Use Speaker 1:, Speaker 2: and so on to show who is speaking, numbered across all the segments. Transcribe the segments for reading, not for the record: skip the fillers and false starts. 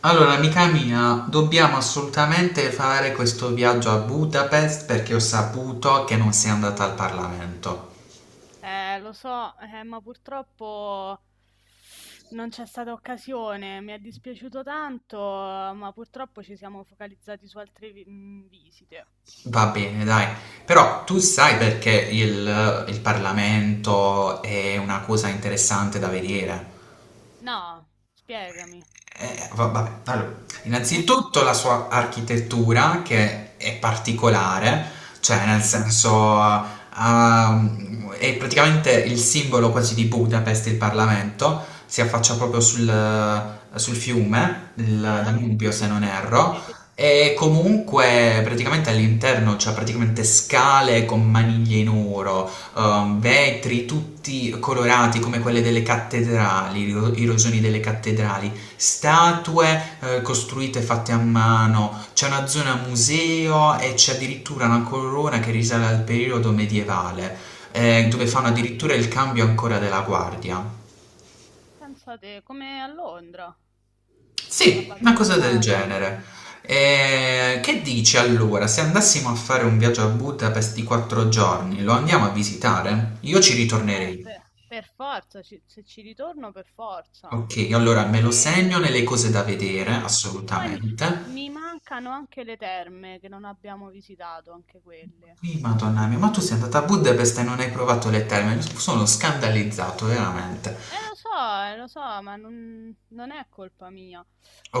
Speaker 1: Allora, amica mia, dobbiamo assolutamente fare questo viaggio a Budapest perché ho saputo che non sei andata al Parlamento.
Speaker 2: Lo so, ma purtroppo non c'è stata occasione. Mi è dispiaciuto tanto, ma purtroppo ci siamo focalizzati su altre visite.
Speaker 1: Va bene, dai. Però tu sai perché il Parlamento è una cosa interessante da vedere.
Speaker 2: No, spiegami.
Speaker 1: Vabbè, allora, innanzitutto la sua architettura che è particolare, cioè nel
Speaker 2: Mm,
Speaker 1: senso è praticamente il simbolo quasi di Budapest, il Parlamento, si affaccia proprio sul fiume, il
Speaker 2: eh?
Speaker 1: Danubio se non erro,
Speaker 2: Sì,
Speaker 1: e
Speaker 2: sì.
Speaker 1: comunque praticamente all'interno c'è praticamente scale con maniglie in oro, vetri tutti
Speaker 2: Mm,
Speaker 1: colorati come
Speaker 2: mm.
Speaker 1: quelle delle cattedrali, i rosoni delle cattedrali statue costruite fatte a mano, c'è una zona museo e c'è addirittura una corona che risale al periodo medievale,
Speaker 2: Che
Speaker 1: dove fanno addirittura
Speaker 2: bello.
Speaker 1: il cambio ancora della guardia.
Speaker 2: Pensate, come a Londra, a
Speaker 1: Sì, una
Speaker 2: Buckingham
Speaker 1: cosa del
Speaker 2: Palace.
Speaker 1: genere. E che dici allora, se andassimo a fare un viaggio a Budapest di quattro giorni, lo andiamo a visitare? Io ci ritornerei.
Speaker 2: Per forza, se ci ritorno per forza.
Speaker 1: Ok, allora me lo segno
Speaker 2: E...
Speaker 1: nelle cose da
Speaker 2: mm,
Speaker 1: vedere,
Speaker 2: mm, mm. Poi mi,
Speaker 1: assolutamente.
Speaker 2: mi mancano anche le terme che non abbiamo visitato, anche quelle.
Speaker 1: Sì, Madonna mia, ma tu sei andata a Budapest e non hai provato le terme, sono scandalizzato veramente.
Speaker 2: Lo so, ma non è colpa mia.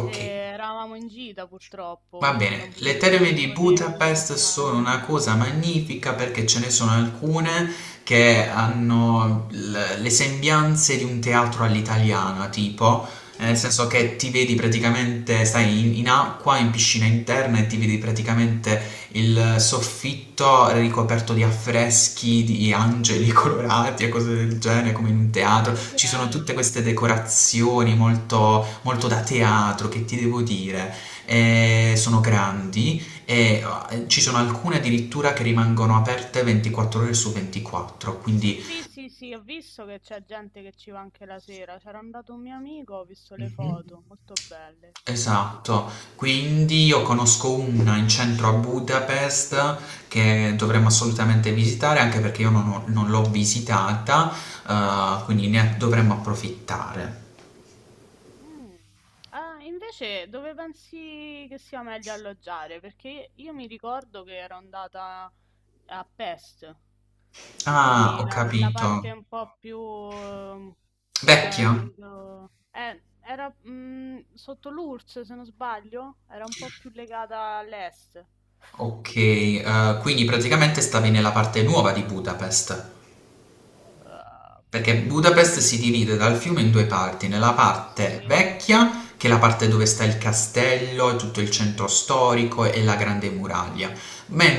Speaker 2: Eh, eravamo in gita purtroppo,
Speaker 1: Va
Speaker 2: quindi
Speaker 1: bene,
Speaker 2: non,
Speaker 1: le
Speaker 2: non
Speaker 1: terme
Speaker 2: mi
Speaker 1: di
Speaker 2: potevo
Speaker 1: Budapest sono
Speaker 2: distaccare.
Speaker 1: una cosa magnifica perché ce ne sono alcune che hanno le sembianze di un teatro all'italiana, tipo, nel
Speaker 2: Mm,
Speaker 1: senso che ti vedi praticamente, stai in acqua, in piscina interna e ti vedi praticamente il soffitto ricoperto di affreschi, di angeli colorati e cose del genere, come in un teatro.
Speaker 2: che
Speaker 1: Ci sono tutte
Speaker 2: bello.
Speaker 1: queste decorazioni molto molto da teatro, che ti devo dire? E sono grandi. Ci sono alcune addirittura che rimangono aperte 24 ore su 24, quindi
Speaker 2: Sì, sì, sì, ho visto che c'è gente che ci va anche la sera. C'era andato un mio amico, ho visto le
Speaker 1: Mhm.
Speaker 2: foto, molto belle. Sì, sì.
Speaker 1: Esatto, quindi io conosco una in centro a Budapest che dovremmo assolutamente visitare anche perché io non l'ho visitata, quindi ne dovremmo approfittare.
Speaker 2: Mm. Ah, invece dove pensi che sia meglio alloggiare? Perché io mi ricordo che ero andata a Pest,
Speaker 1: Ah,
Speaker 2: quindi
Speaker 1: ho
Speaker 2: la
Speaker 1: capito.
Speaker 2: parte un po' più che era,
Speaker 1: Vecchia?
Speaker 2: credo, era sotto l'URSS, se non sbaglio, era un po' più legata all'est.
Speaker 1: Ok, quindi praticamente stavi nella parte nuova di Budapest. Perché
Speaker 2: Boh, credo
Speaker 1: Budapest
Speaker 2: di
Speaker 1: si
Speaker 2: sì.
Speaker 1: divide dal fiume in due parti, nella
Speaker 2: Sì,
Speaker 1: parte
Speaker 2: sì.
Speaker 1: vecchia, che è la parte dove sta il castello e tutto il centro storico e la grande muraglia,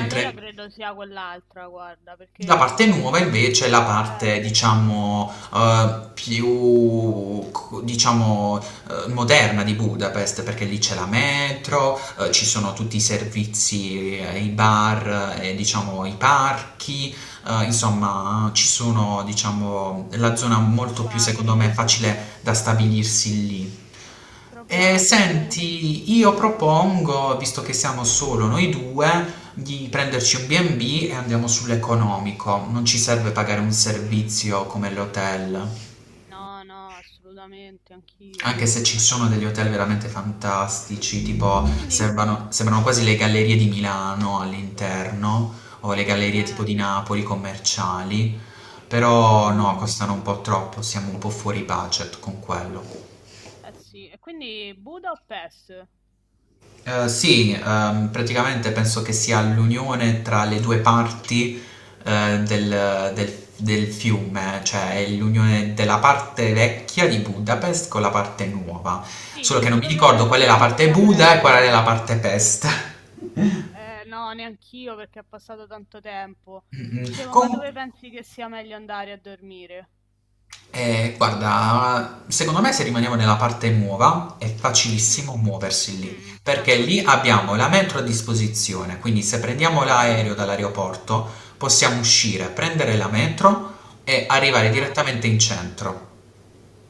Speaker 2: Allora credo sia quell'altra, guarda,
Speaker 1: la
Speaker 2: perché
Speaker 1: parte
Speaker 2: non...
Speaker 1: nuova invece è la
Speaker 2: eh,
Speaker 1: parte, diciamo, più, diciamo, moderna di Budapest, perché lì c'è la metro, ci sono tutti i servizi, i bar, e, diciamo, i parchi, insomma, ci sono, diciamo, la zona molto più, secondo me,
Speaker 2: probabile.
Speaker 1: facile da stabilirsi lì. E
Speaker 2: Probabile.
Speaker 1: senti, io propongo, visto che siamo solo noi due, di prenderci un B&B e bi e andiamo sull'economico. Non ci serve pagare un servizio come l'hotel,
Speaker 2: No, no, assolutamente, anch'io.
Speaker 1: anche se ci
Speaker 2: Ma
Speaker 1: sono
Speaker 2: ecco,
Speaker 1: degli hotel veramente fantastici, tipo
Speaker 2: quindi,
Speaker 1: sembrano, sembrano quasi le gallerie di Milano all'interno, o le gallerie tipo
Speaker 2: eh,
Speaker 1: di Napoli commerciali,
Speaker 2: me lo
Speaker 1: però no, costano
Speaker 2: immagino.
Speaker 1: un po' troppo, siamo un po' fuori budget con quello.
Speaker 2: Eh sì, e quindi Budapest?
Speaker 1: Sì, praticamente penso che sia l'unione tra le due parti del fiume, cioè è l'unione della parte vecchia di
Speaker 2: Mhm.
Speaker 1: Budapest con la parte nuova.
Speaker 2: Sì,
Speaker 1: Solo che non
Speaker 2: dico,
Speaker 1: mi
Speaker 2: dove
Speaker 1: ricordo qual è
Speaker 2: pensi
Speaker 1: la
Speaker 2: che
Speaker 1: parte
Speaker 2: sia
Speaker 1: Buda e qual è
Speaker 2: meglio?
Speaker 1: la parte Pest.
Speaker 2: No, neanch'io perché è passato tanto tempo.
Speaker 1: Mm, mm.
Speaker 2: Dicevo, ma dove
Speaker 1: Con-
Speaker 2: pensi che sia meglio andare a dormire?
Speaker 1: guarda, secondo me se rimaniamo nella parte nuova è
Speaker 2: Mm,
Speaker 1: facilissimo muoversi lì,
Speaker 2: mm, ah,
Speaker 1: perché
Speaker 2: ah,
Speaker 1: lì
Speaker 2: sì,
Speaker 1: abbiamo la metro a disposizione, quindi se
Speaker 2: hai
Speaker 1: prendiamo
Speaker 2: ragione.
Speaker 1: l'aereo dall'aeroporto possiamo uscire, prendere la metro e arrivare
Speaker 2: Ah,
Speaker 1: direttamente in centro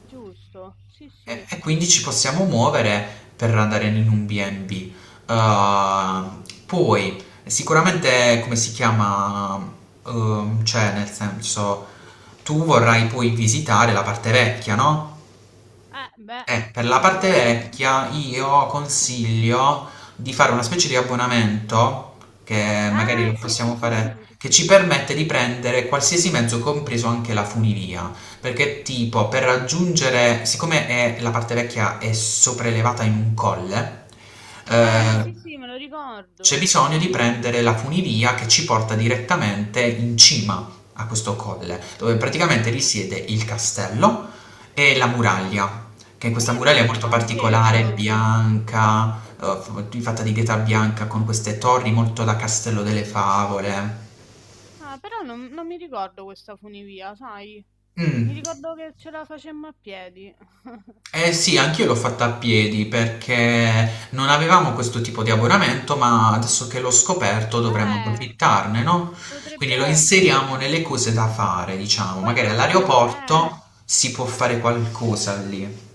Speaker 2: giusto, sì,
Speaker 1: e,
Speaker 2: sì.
Speaker 1: e quindi ci possiamo muovere per andare in un B&B. Poi sicuramente come si chiama, cioè nel senso tu vorrai poi visitare la parte vecchia, no?
Speaker 2: Beh,
Speaker 1: Per la parte
Speaker 2: direi di sì.
Speaker 1: vecchia io consiglio di fare una specie di abbonamento, che magari
Speaker 2: Ah,
Speaker 1: lo
Speaker 2: sì, sì,
Speaker 1: possiamo
Speaker 2: sì,
Speaker 1: fare,
Speaker 2: sì,
Speaker 1: che
Speaker 2: sì.
Speaker 1: ci permette di prendere qualsiasi mezzo, compreso anche la funivia. Perché tipo, per raggiungere, siccome la parte vecchia è sopraelevata in un colle, eh,
Speaker 2: Sì, sì, me lo
Speaker 1: c'è
Speaker 2: ricordo.
Speaker 1: bisogno di
Speaker 2: Mhm.
Speaker 1: prendere la funivia che ci porta direttamente in cima a questo colle, dove praticamente risiede il castello e la muraglia. Che
Speaker 2: E
Speaker 1: questa
Speaker 2: io
Speaker 1: muraglia
Speaker 2: però
Speaker 1: è
Speaker 2: non
Speaker 1: molto
Speaker 2: ho
Speaker 1: particolare,
Speaker 2: preso.
Speaker 1: bianca, fatta di pietra bianca con queste torri molto da Castello delle Favole.
Speaker 2: Ah, però non mi ricordo questa funivia, sai? Mi
Speaker 1: Mm.
Speaker 2: ricordo che ce la facemmo a piedi.
Speaker 1: Eh sì, anch'io l'ho fatta a piedi perché non avevamo questo tipo di abbonamento, ma adesso che l'ho scoperto dovremmo
Speaker 2: Eh,
Speaker 1: approfittarne, no?
Speaker 2: potrebbe
Speaker 1: Quindi lo
Speaker 2: essere.
Speaker 1: inseriamo nelle cose
Speaker 2: Mm,
Speaker 1: da
Speaker 2: mm.
Speaker 1: fare, diciamo.
Speaker 2: Poi
Speaker 1: Magari
Speaker 2: dobbiamo, eh,
Speaker 1: all'aeroporto si può fare qualcosa lì.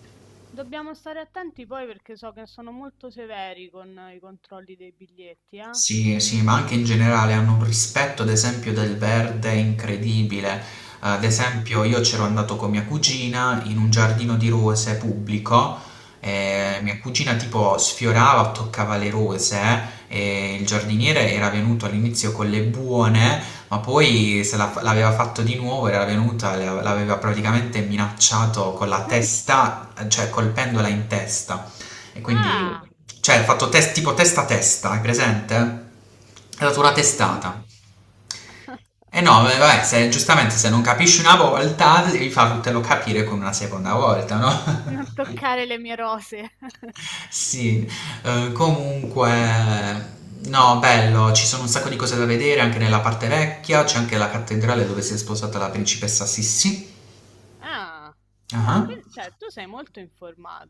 Speaker 2: dobbiamo stare attenti poi perché so che sono molto severi con i controlli dei biglietti, eh?
Speaker 1: Sì, sì, ma anche in generale hanno un rispetto, ad esempio, del verde incredibile. Ad
Speaker 2: Mhm.
Speaker 1: esempio, io c'ero andato con mia cugina in un giardino di rose pubblico. E
Speaker 2: Mm.
Speaker 1: mia cugina tipo sfiorava, toccava le rose e il giardiniere era venuto all'inizio con le buone, ma poi se la-
Speaker 2: Mm.
Speaker 1: l'aveva fatto di nuovo, era venuta, l'aveva praticamente minacciato con la testa, cioè colpendola in testa. E quindi
Speaker 2: Ah!
Speaker 1: cioè, hanno fatto test, tipo testa a testa, hai presente? È stata una
Speaker 2: Mannà.
Speaker 1: testata. E no, beh, vabbè, giustamente se non capisci una volta, devi fartelo capire con una seconda volta, no?
Speaker 2: Non toccare le mie rose.
Speaker 1: Sì, comunque, no, bello, ci sono un sacco di cose da vedere anche nella parte vecchia, c'è anche la cattedrale dove si è sposata la principessa Sissi.
Speaker 2: Ah, ah,
Speaker 1: Ah.
Speaker 2: quindi, cioè, tu sei molto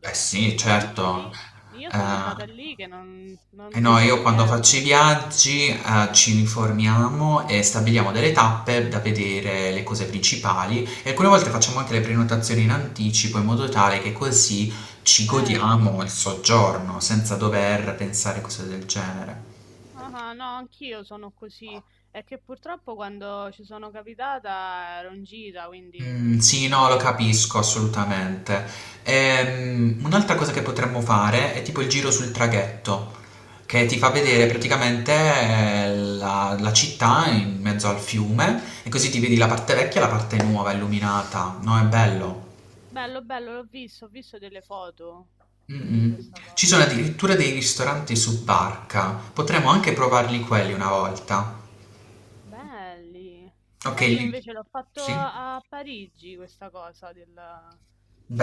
Speaker 1: Eh sì,
Speaker 2: Io, e
Speaker 1: certo.
Speaker 2: io- io sono andata
Speaker 1: Eh,
Speaker 2: lì che non,
Speaker 1: Eh
Speaker 2: non
Speaker 1: no,
Speaker 2: sapevo
Speaker 1: io quando faccio i
Speaker 2: niente.
Speaker 1: viaggi, ci uniformiamo e stabiliamo delle tappe da vedere le cose principali e alcune volte facciamo anche le prenotazioni in anticipo in modo tale che così ci godiamo
Speaker 2: Certo.
Speaker 1: il soggiorno senza dover pensare cose del genere.
Speaker 2: Ah, ah, no, anch'io sono così. È che purtroppo quando ci sono capitata ero in gita, quindi,
Speaker 1: Mm,
Speaker 2: come
Speaker 1: sì,
Speaker 2: ti ho
Speaker 1: no, lo
Speaker 2: detto.
Speaker 1: capisco assolutamente. Un'altra cosa che potremmo fare è tipo il giro sul traghetto, che ti fa vedere
Speaker 2: Ah,
Speaker 1: praticamente la città in mezzo al fiume e così ti vedi la parte vecchia e la parte nuova illuminata. No, è bello.
Speaker 2: bello, bello, l'ho visto, ho visto delle foto
Speaker 1: Mm,
Speaker 2: di
Speaker 1: mm.
Speaker 2: questa
Speaker 1: Ci sono
Speaker 2: cosa.
Speaker 1: addirittura dei ristoranti su barca. Potremmo anche provarli quelli una volta.
Speaker 2: Belli.
Speaker 1: Ok,
Speaker 2: Sai, io invece l'ho fatto
Speaker 1: sì.
Speaker 2: a Parigi questa cosa del,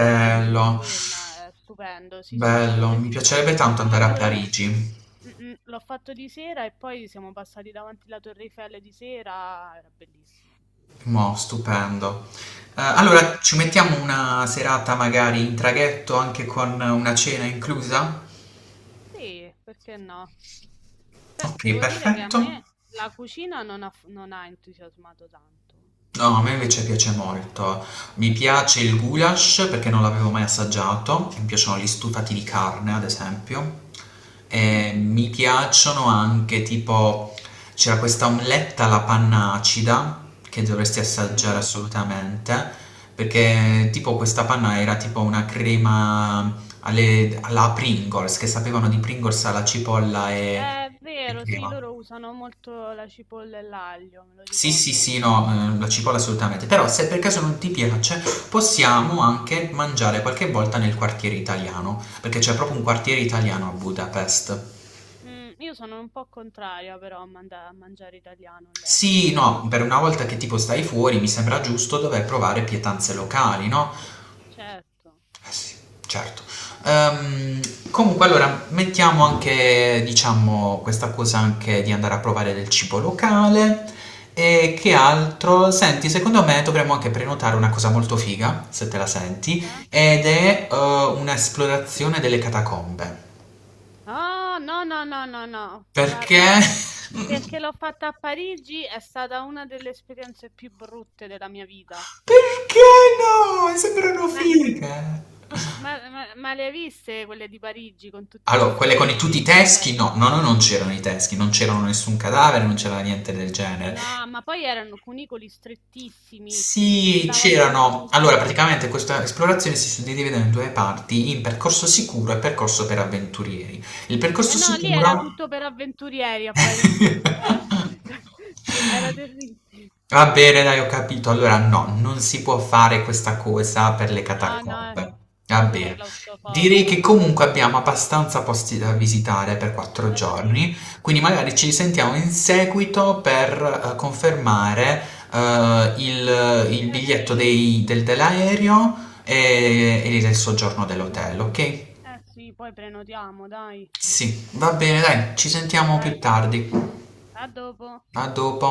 Speaker 2: del giro sulla Senna, è stupendo. Sì, sì, che
Speaker 1: Bello,
Speaker 2: poi
Speaker 1: mi piacerebbe
Speaker 2: l'ho
Speaker 1: tanto andare a
Speaker 2: fatto,
Speaker 1: Parigi.
Speaker 2: l'ho fatto di sera e poi siamo passati davanti alla Torre Eiffel di sera, era bellissimo,
Speaker 1: Mo, stupendo.
Speaker 2: stupendo.
Speaker 1: Allora ci mettiamo una serata magari in traghetto anche con una cena inclusa?
Speaker 2: Sì, perché no? Beh,
Speaker 1: Ok,
Speaker 2: devo dire che a
Speaker 1: perfetto.
Speaker 2: me la cucina non ha entusiasmato tanto.
Speaker 1: No, a me invece piace molto. Mi
Speaker 2: Ah sì?
Speaker 1: piace il goulash perché non l'avevo mai assaggiato, mi piacciono gli stufati di carne, ad esempio.
Speaker 2: Mm,
Speaker 1: E mi piacciono anche tipo c'era questa omeletta alla panna acida che dovresti assaggiare
Speaker 2: mm.
Speaker 1: assolutamente, perché tipo questa panna era tipo una crema alla Pringles, che sapevano di Pringles alla cipolla e
Speaker 2: È
Speaker 1: e
Speaker 2: vero, sì,
Speaker 1: crema.
Speaker 2: loro usano molto la cipolla e l'aglio, me lo
Speaker 1: Sì, sì, sì,
Speaker 2: ricordo.
Speaker 1: no, la cipolla assolutamente. Però se per caso non ti piace, possiamo anche mangiare qualche volta nel quartiere italiano, perché c'è proprio un quartiere italiano a Budapest.
Speaker 2: Mm, io sono un po' contraria però a mangiare italiano
Speaker 1: Sì,
Speaker 2: all'estero. Ah,
Speaker 1: no, per una volta che tipo stai fuori, mi sembra giusto dover provare pietanze locali, no?
Speaker 2: certo.
Speaker 1: Eh sì, certo. Ehm, Comunque allora mettiamo anche, diciamo, questa cosa anche di andare a
Speaker 2: Mm,
Speaker 1: provare
Speaker 2: mm.
Speaker 1: del cibo locale e che altro? Senti, secondo me dovremmo anche prenotare una cosa molto figa, se te la senti,
Speaker 2: Eh?
Speaker 1: ed è un'esplorazione delle catacombe.
Speaker 2: Ah, no, no, no, no, no,
Speaker 1: Perché?
Speaker 2: guarda, perché l'ho fatta a Parigi è stata una delle esperienze più brutte della mia vita.
Speaker 1: Perché no? Sembrano
Speaker 2: Ma,
Speaker 1: fighe.
Speaker 2: ma le hai viste quelle di Parigi con tutti gli
Speaker 1: Allora, quelle con tutti i
Speaker 2: scheletri? Cioè.
Speaker 1: teschi, no, no, no, non c'erano i teschi, non c'erano nessun cadavere, non c'era niente del genere.
Speaker 2: No, ma poi erano cunicoli strettissimi, si
Speaker 1: Sì,
Speaker 2: andava in
Speaker 1: c'erano. Allora,
Speaker 2: profondità.
Speaker 1: praticamente questa esplorazione si suddivideva in due parti, in percorso sicuro e percorso per avventurieri. Il
Speaker 2: Eh
Speaker 1: percorso
Speaker 2: no, lì era
Speaker 1: sicuro...
Speaker 2: tutto per avventurieri a Parigi, eh. Era terribile.
Speaker 1: Va bene, dai, ho capito. Allora, no, non si può fare questa cosa per le
Speaker 2: No, no, è
Speaker 1: catacombe. Va
Speaker 2: troppo
Speaker 1: bene. Direi che
Speaker 2: claustrofobica.
Speaker 1: comunque abbiamo abbastanza posti da
Speaker 2: Mhm.
Speaker 1: visitare per quattro
Speaker 2: Eh sì,
Speaker 1: giorni, quindi magari ci risentiamo in seguito per confermare il
Speaker 2: eh
Speaker 1: biglietto
Speaker 2: sì.
Speaker 1: dell'aereo e il soggiorno
Speaker 2: Mm, mm, mm.
Speaker 1: dell'hotel, ok?
Speaker 2: Eh sì, poi prenotiamo, dai.
Speaker 1: Sì, va bene, dai, ci sentiamo più
Speaker 2: Dai,
Speaker 1: tardi.
Speaker 2: a dopo.
Speaker 1: A dopo.